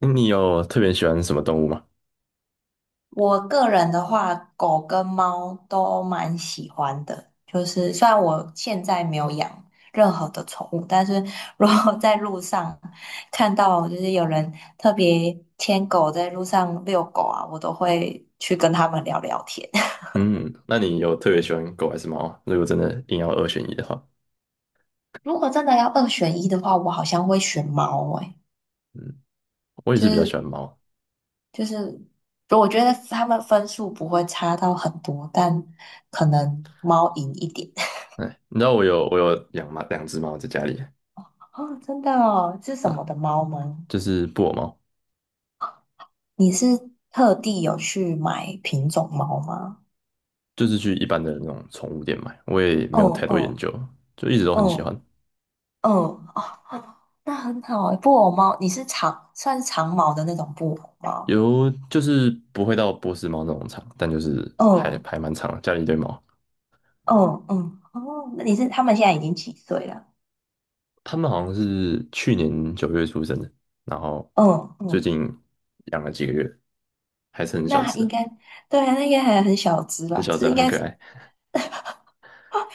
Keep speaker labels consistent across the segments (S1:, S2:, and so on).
S1: 你有特别喜欢什么动物吗？
S2: 我个人的话，狗跟猫都蛮喜欢的。就是虽然我现在没有养任何的宠物，但是如果在路上看到就是有人特别牵狗在路上遛狗啊，我都会去跟他们聊聊天。
S1: 嗯，那你有特别喜欢狗还是猫啊？如果真的硬要二选一的话，
S2: 如果真的要二选一的话，我好像会选猫诶、
S1: 嗯，我也
S2: 就
S1: 是比较喜欢
S2: 是
S1: 猫啊。
S2: 就是，我觉得他们分数不会差到很多，但可能猫赢一点。
S1: 哎，你知道我有养猫两只猫在家里。
S2: 哦，真的哦，是什么
S1: 啊，
S2: 的猫吗？
S1: 就是布偶猫，
S2: 你是特地有去买品种猫吗？
S1: 就是去一般的那种宠物店买，我也没有
S2: 嗯
S1: 太多研
S2: 嗯，
S1: 究，就一直都
S2: 嗯
S1: 很喜欢。
S2: 嗯，哦，哦那很好诶，布偶猫，你是长，算是长毛的那种布偶猫。
S1: 有就是不会到波斯猫那种长，但就是还
S2: 嗯
S1: 还蛮长的，家里一堆猫。
S2: 嗯嗯，哦，那你是他们现在已经几岁了？
S1: 它们好像是去年九月出生的，然后
S2: 嗯
S1: 最
S2: 嗯，
S1: 近养了几个月，还是很小
S2: 那
S1: 只
S2: 应
S1: 的。
S2: 该对啊，那应该还很小只
S1: 很
S2: 吧？
S1: 小只
S2: 是
S1: 啊，
S2: 应
S1: 很
S2: 该
S1: 可爱。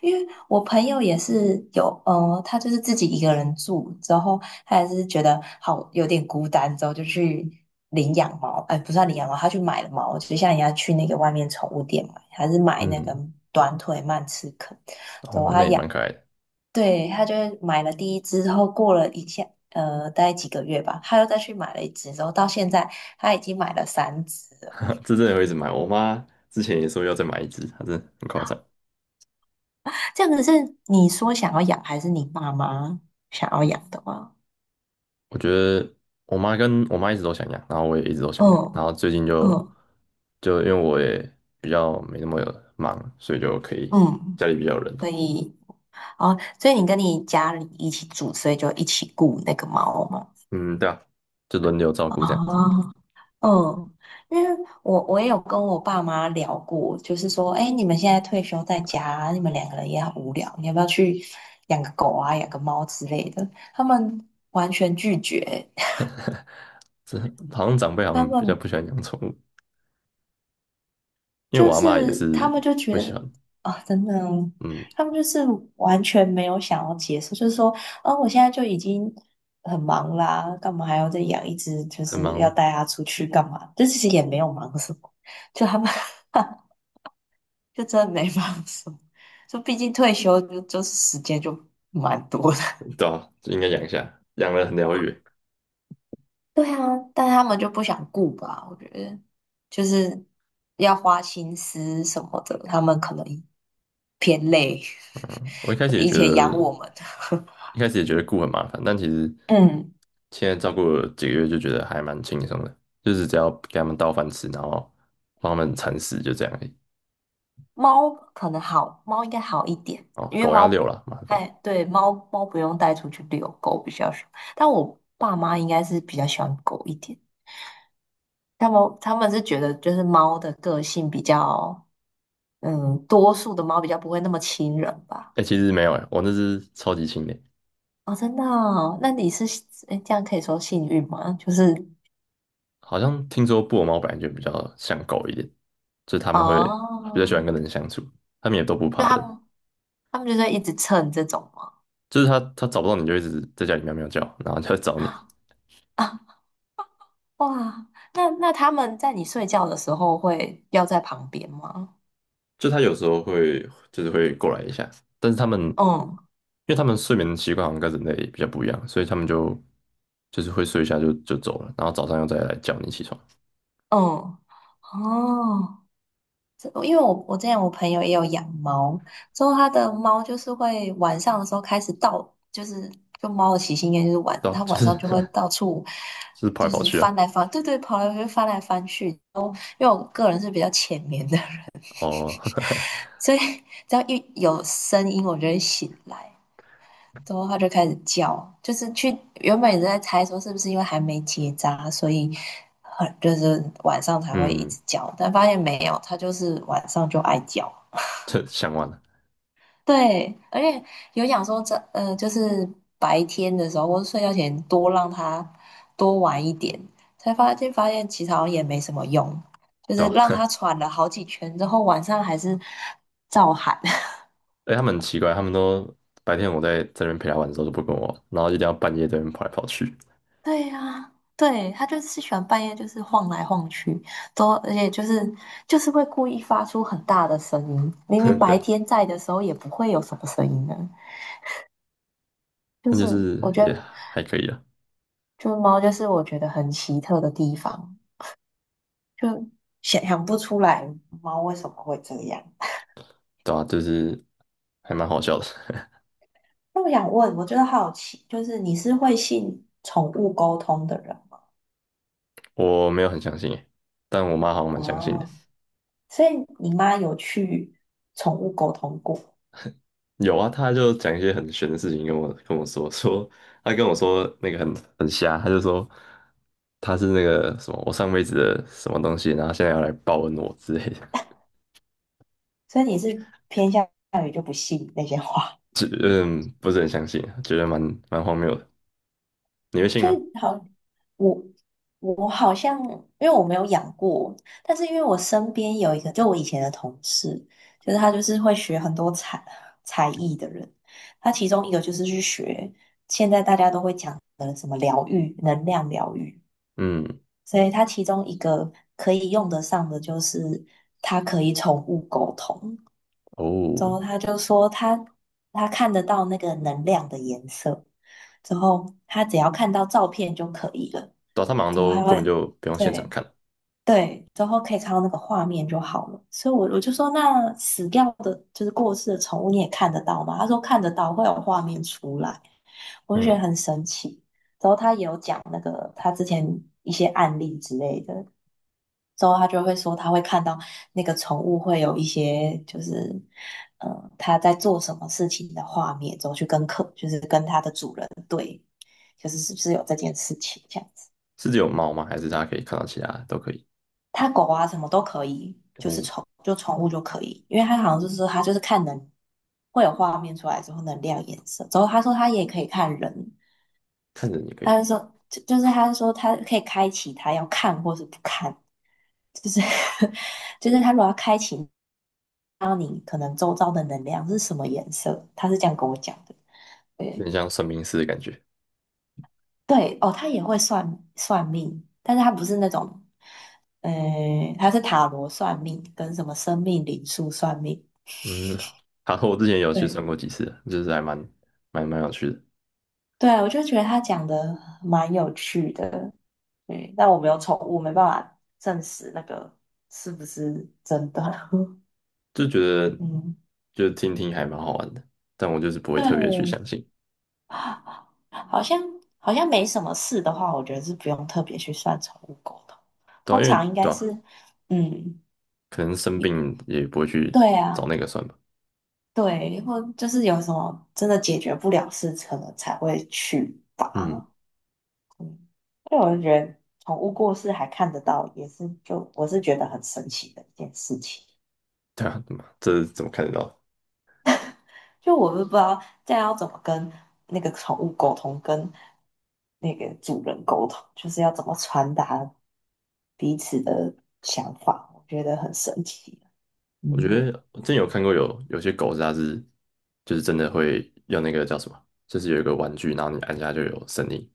S2: 因为我朋友也是有，他就是自己一个人住之后，他也是觉得好有点孤单，之后就去领养猫，哎，不算领养猫，他去买了猫，就像人家去那个外面宠物店买，还是买那个
S1: 嗯，
S2: 短腿曼彻肯，之后
S1: 哦，那
S2: 他
S1: 也
S2: 养，
S1: 蛮可爱的。
S2: 对，他就是买了第一只之后，过了一下，大概几个月吧，他又再去买了一只，之后到现在他已经买了三只了。
S1: 这真的会一直买。我妈之前也说要再买一只，她真的很夸张。
S2: 这样子是你说想要养，还是你爸妈想要养的吗？
S1: 我觉得我妈一直都想养，然后我也一直都想养，然
S2: 嗯。
S1: 后最近就
S2: 嗯
S1: 就因为我也比较没那么忙，所以就可以
S2: 嗯，
S1: 家里比较有人。
S2: 所以哦，所以你跟你家里一起住，所以就一起雇那个猫嘛。
S1: 嗯，对啊，就轮流照顾这样
S2: 啊，
S1: 子。
S2: 嗯，因为我也有跟我爸妈聊过，就是说，哎，你们现在退休在家，你们两个人也很无聊，你要不要去养个狗啊，养个猫之类的？他们完全拒绝，
S1: 这好像长辈 好
S2: 他
S1: 像比较
S2: 们。
S1: 不喜欢养宠物，因为
S2: 就
S1: 我阿嬷也
S2: 是他
S1: 是
S2: 们就觉
S1: 不喜
S2: 得
S1: 欢。
S2: 啊、真的哦，
S1: 嗯，
S2: 他们就是完全没有想要结束，就是说，啊，我现在就已经很忙啦，干嘛还要再养一只？就
S1: 很
S2: 是
S1: 忙
S2: 要
S1: 吗？
S2: 带它出去干嘛？这其实也没有忙什么，就他们 就真的没忙什么。就毕竟退休就是时间就蛮多的，
S1: 对啊，就应该养一下，养了很疗愈。
S2: 对啊，但他们就不想顾吧？我觉得就是要花心思什么的，他们可能偏累。
S1: 嗯，我一开 始也
S2: 以
S1: 觉
S2: 前养
S1: 得
S2: 我们，
S1: 一开始也觉得顾很麻烦，但其实
S2: 嗯，
S1: 现在照顾了几个月就觉得还蛮轻松的，就是只要给他们倒饭吃，然后帮他们铲屎，就这样而已。
S2: 猫可能好，猫应该好一点，
S1: 哦，
S2: 因为
S1: 狗要遛
S2: 猫，
S1: 了，麻
S2: 哎，
S1: 烦。
S2: 对，猫猫不用带出去遛，狗比较少。但我爸妈应该是比较喜欢狗一点，他们是觉得就是猫的个性比较，嗯，多数的猫比较不会那么亲人吧。
S1: 哎、其实没有，哎、我那只超级轻的，
S2: 哦，真的哦，那你是诶这样可以说幸运吗？就是
S1: 好像听说布偶猫本来就比较像狗一点，就是他们会比较喜欢
S2: 哦，
S1: 跟人相处，他们也都不
S2: 就
S1: 怕
S2: 他
S1: 人，
S2: 们就在一直蹭这种吗？
S1: 就是它找不到你就一直在家里喵喵叫，然后就来 找你，
S2: 啊啊哇，那那他们在你睡觉的时候会要在旁边吗？
S1: 就他有时候会就是会过来一下，但是他们因
S2: 嗯
S1: 为他们睡眠习惯好像跟人类比较不一样，所以他们就是会睡一下就走了，然后早上又再来叫你起床，
S2: 嗯哦。这因为我之前我朋友也有养猫，之后他的猫就是会晚上的时候开始到，就是就猫的习性应该就是晚，
S1: 对啊，
S2: 它
S1: 就
S2: 晚
S1: 是
S2: 上 就会到处
S1: 就是跑
S2: 就
S1: 来跑
S2: 是
S1: 去啊。
S2: 翻来翻，对对，跑来跑去翻来翻去。然后因为我个人是比较浅眠的人，
S1: 哦，
S2: 所以只要一有声音我就会醒来，之后它就开始叫，就是去原本也是在猜说是不是因为还没结扎，所以很就是晚上 才会一
S1: 嗯，
S2: 直叫，但发现没有，它就是晚上就爱叫。
S1: 这想完了，
S2: 对，而且有讲说这就是白天的时候或者睡觉前多让它多玩一点，才发现其实好像也没什么用，就
S1: 对
S2: 是
S1: 吧？
S2: 让它 喘了好几圈之后，晚上还是照喊。
S1: 哎，他们很奇怪，他们都白天我在这边陪他玩的时候都不跟我玩，然后一定要半夜在那边跑来跑去，
S2: 对呀、对，它就是喜欢半夜就是晃来晃去，都而且就是会故意发出很大的声音，明明 白
S1: 对，
S2: 天在的时候也不会有什么声音的，就
S1: 那
S2: 是
S1: 就是
S2: 我觉
S1: 也
S2: 得
S1: 还可以啊，
S2: 就是猫就是我觉得很奇特的地方。就想想不出来猫为什么会这样。
S1: 对啊，就是还蛮好笑的。
S2: 那我想问，我觉得好奇，就是你是会信宠物沟通的人吗？
S1: 我没有很相信诶，但我妈好像蛮相信的。
S2: 哦？所以你妈有去宠物沟通过，
S1: 有啊，她就讲一些很玄的事情跟我说，说她跟我说那个很瞎，她就说她是那个什么我上辈子的什么东西，然后现在要来报恩我之类的，
S2: 所以你是偏向于就不信那些话。
S1: 就嗯不是很相信啊，觉得蛮荒谬的。你会信
S2: 就是
S1: 吗？
S2: 好，我我好像因为我没有养过，但是因为我身边有一个，就我以前的同事，就是他就是会学很多才才艺的人，他其中一个就是去学现在大家都会讲的什么疗愈、能量疗愈，
S1: 嗯，
S2: 所以他其中一个可以用得上的就是他可以宠物沟通，
S1: 哦，
S2: 之后他就说他看得到那个能量的颜色，之后他只要看到照片就可以了。
S1: 对上他们好像
S2: 怎么
S1: 都
S2: 还
S1: 根
S2: 会？
S1: 本
S2: 哦
S1: 就不用现场
S2: 对
S1: 看。
S2: 对，之后可以看到那个画面就好了。所以我就说，那死掉的，就是过世的宠物，你也看得到吗？他说看得到，会有画面出来。我就觉得
S1: 嗯，
S2: 很神奇。之后他也有讲那个他之前一些案例之类的，之后他就会说他会看到那个宠物会有一些就是，他在做什么事情的画面，之后去跟客，就是跟他的主人对，就是是不是有这件事情这样子。
S1: 是只有猫吗？还是大家可以看到其他都可以？
S2: 它狗啊什么都可以，就是
S1: 哦，
S2: 宠就宠物就可以，因为它好像就是说它就是看能会有画面出来之后能亮颜色，之后他说他也可以看人，
S1: 看着你可以，
S2: 他就说就就是他说他可以开启他要看或是不看，就是 就是他如果要开启，让你可能周遭的能量是什么颜色，他是这样跟我讲的。
S1: 有
S2: 对
S1: 点像算命师的感觉。
S2: 对哦，他也会算算命，但是他不是那种，呃，他是塔罗算命跟什么生命灵数算命。
S1: 嗯，好，我之前有去
S2: 对，
S1: 算过几次，就是还蛮有趣的，
S2: 对啊，我就觉得他讲的蛮有趣的，对，但我没有宠物，没办法证实那个是不是真的。
S1: 就觉得
S2: 嗯，
S1: 就听听还蛮好玩的，但我就是不会特别去
S2: 对，
S1: 相信，
S2: 好像好像没什么事的话，我觉得是不用特别去算宠物沟通，
S1: 对啊，
S2: 通
S1: 因
S2: 常
S1: 为
S2: 应
S1: 对
S2: 该是，
S1: 啊，
S2: 嗯，
S1: 可能生病也不会去
S2: 对
S1: 找
S2: 啊，
S1: 那个算吧。
S2: 对，或就是有什么真的解决不了事，可能才会去
S1: 嗯，
S2: 吧。嗯，对我就觉得宠物过世还看得到，也是就我是觉得很神奇的一件事情。
S1: 对啊，怎么这怎么看得到？
S2: 就我都不知道这样要怎么跟那个宠物沟通，跟那个主人沟通，就是要怎么传达彼此的想法，我觉得很神奇。
S1: 我觉
S2: 嗯
S1: 得我之前有看过有些狗是它是就是真的会用那个叫什么，就是有一个玩具，然后你按下就有声音，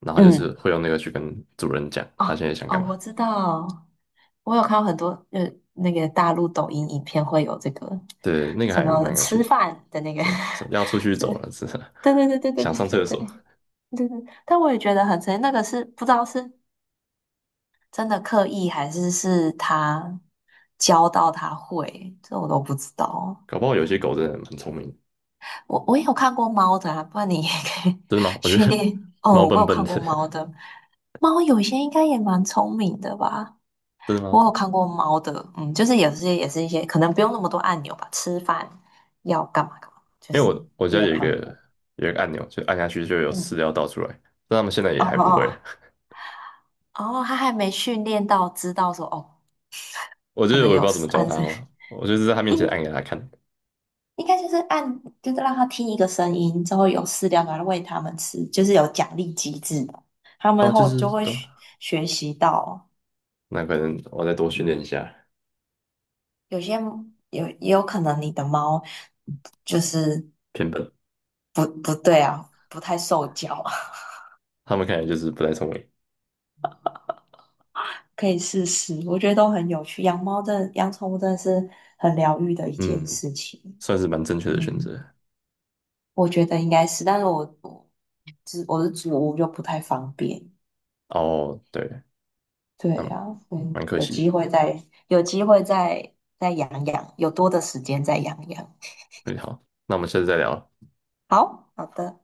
S1: 然后它就是
S2: 嗯，
S1: 会用那个去跟主人讲它
S2: 哦
S1: 现在想干
S2: 哦，
S1: 嘛。
S2: 我知道，我有看到很多那个大陆抖音影片会有这个
S1: 对，那个
S2: 什
S1: 还
S2: 么
S1: 蛮
S2: 嗯
S1: 有趣
S2: 吃
S1: 的，
S2: 饭的那个
S1: 是吧？什么要出 去
S2: 是，
S1: 走了，是
S2: 对对对对 对
S1: 想上
S2: 对
S1: 厕
S2: 对对，
S1: 所，
S2: 对对，但我也觉得很神奇，那个是不知道是真的刻意还是是他教到他会，这我都不知道。
S1: 搞不好有些狗真的很聪明的。
S2: 我也有看过猫的啊，不然你也可以
S1: 真的吗？我觉
S2: 去
S1: 得
S2: 练。
S1: 猫
S2: 哦，我
S1: 笨
S2: 有
S1: 笨
S2: 看
S1: 的，
S2: 过猫 的，猫有些应该也蛮聪明的吧。
S1: 真的吗？
S2: 我有
S1: 我
S2: 看过猫的，嗯，就是有些也是一些可能不用那么多按钮吧，吃饭要干嘛干嘛，就
S1: 因为
S2: 是
S1: 我我
S2: 没
S1: 家
S2: 有
S1: 有一
S2: 看
S1: 个
S2: 过。
S1: 有一个按钮，就按下去就有饲
S2: 嗯，
S1: 料倒出来，但他们现在
S2: 哦
S1: 也还
S2: 哦
S1: 不会，
S2: 哦，哦，他还没训练到知道说哦，
S1: 我就
S2: 可
S1: 是
S2: 能
S1: 我也不知
S2: 有
S1: 道怎
S2: 事
S1: 么教
S2: 按
S1: 它
S2: 这。
S1: 嘛，我就是在它面前按 给它看。
S2: 应该就是按，就是让它听一个声音之后有饲料来喂它们吃，就是有奖励机制的。它们
S1: 哦，就
S2: 后
S1: 是
S2: 就会
S1: 对
S2: 学
S1: 啊，
S2: 学习到，
S1: 那可能我再多训练一下，
S2: 有些有也有可能你的猫就是
S1: 偏笨，
S2: 不对啊，不太受教啊，
S1: 它们看起来就是不太聪明。
S2: 可以试试。我觉得都很有趣，养猫真的养宠物真的是很疗愈的一件
S1: 嗯，
S2: 事情。
S1: 算是蛮正确的选
S2: 嗯，
S1: 择。
S2: 我觉得应该是，但是我是我是主屋就不太方便。
S1: 哦，对，
S2: 对
S1: 那
S2: 呀，嗯，
S1: 蛮可
S2: 有
S1: 惜的。
S2: 机会再有机会再再养养，有多的时间再养养。
S1: 嗯，好，那我们下次再聊了。
S2: 好好的。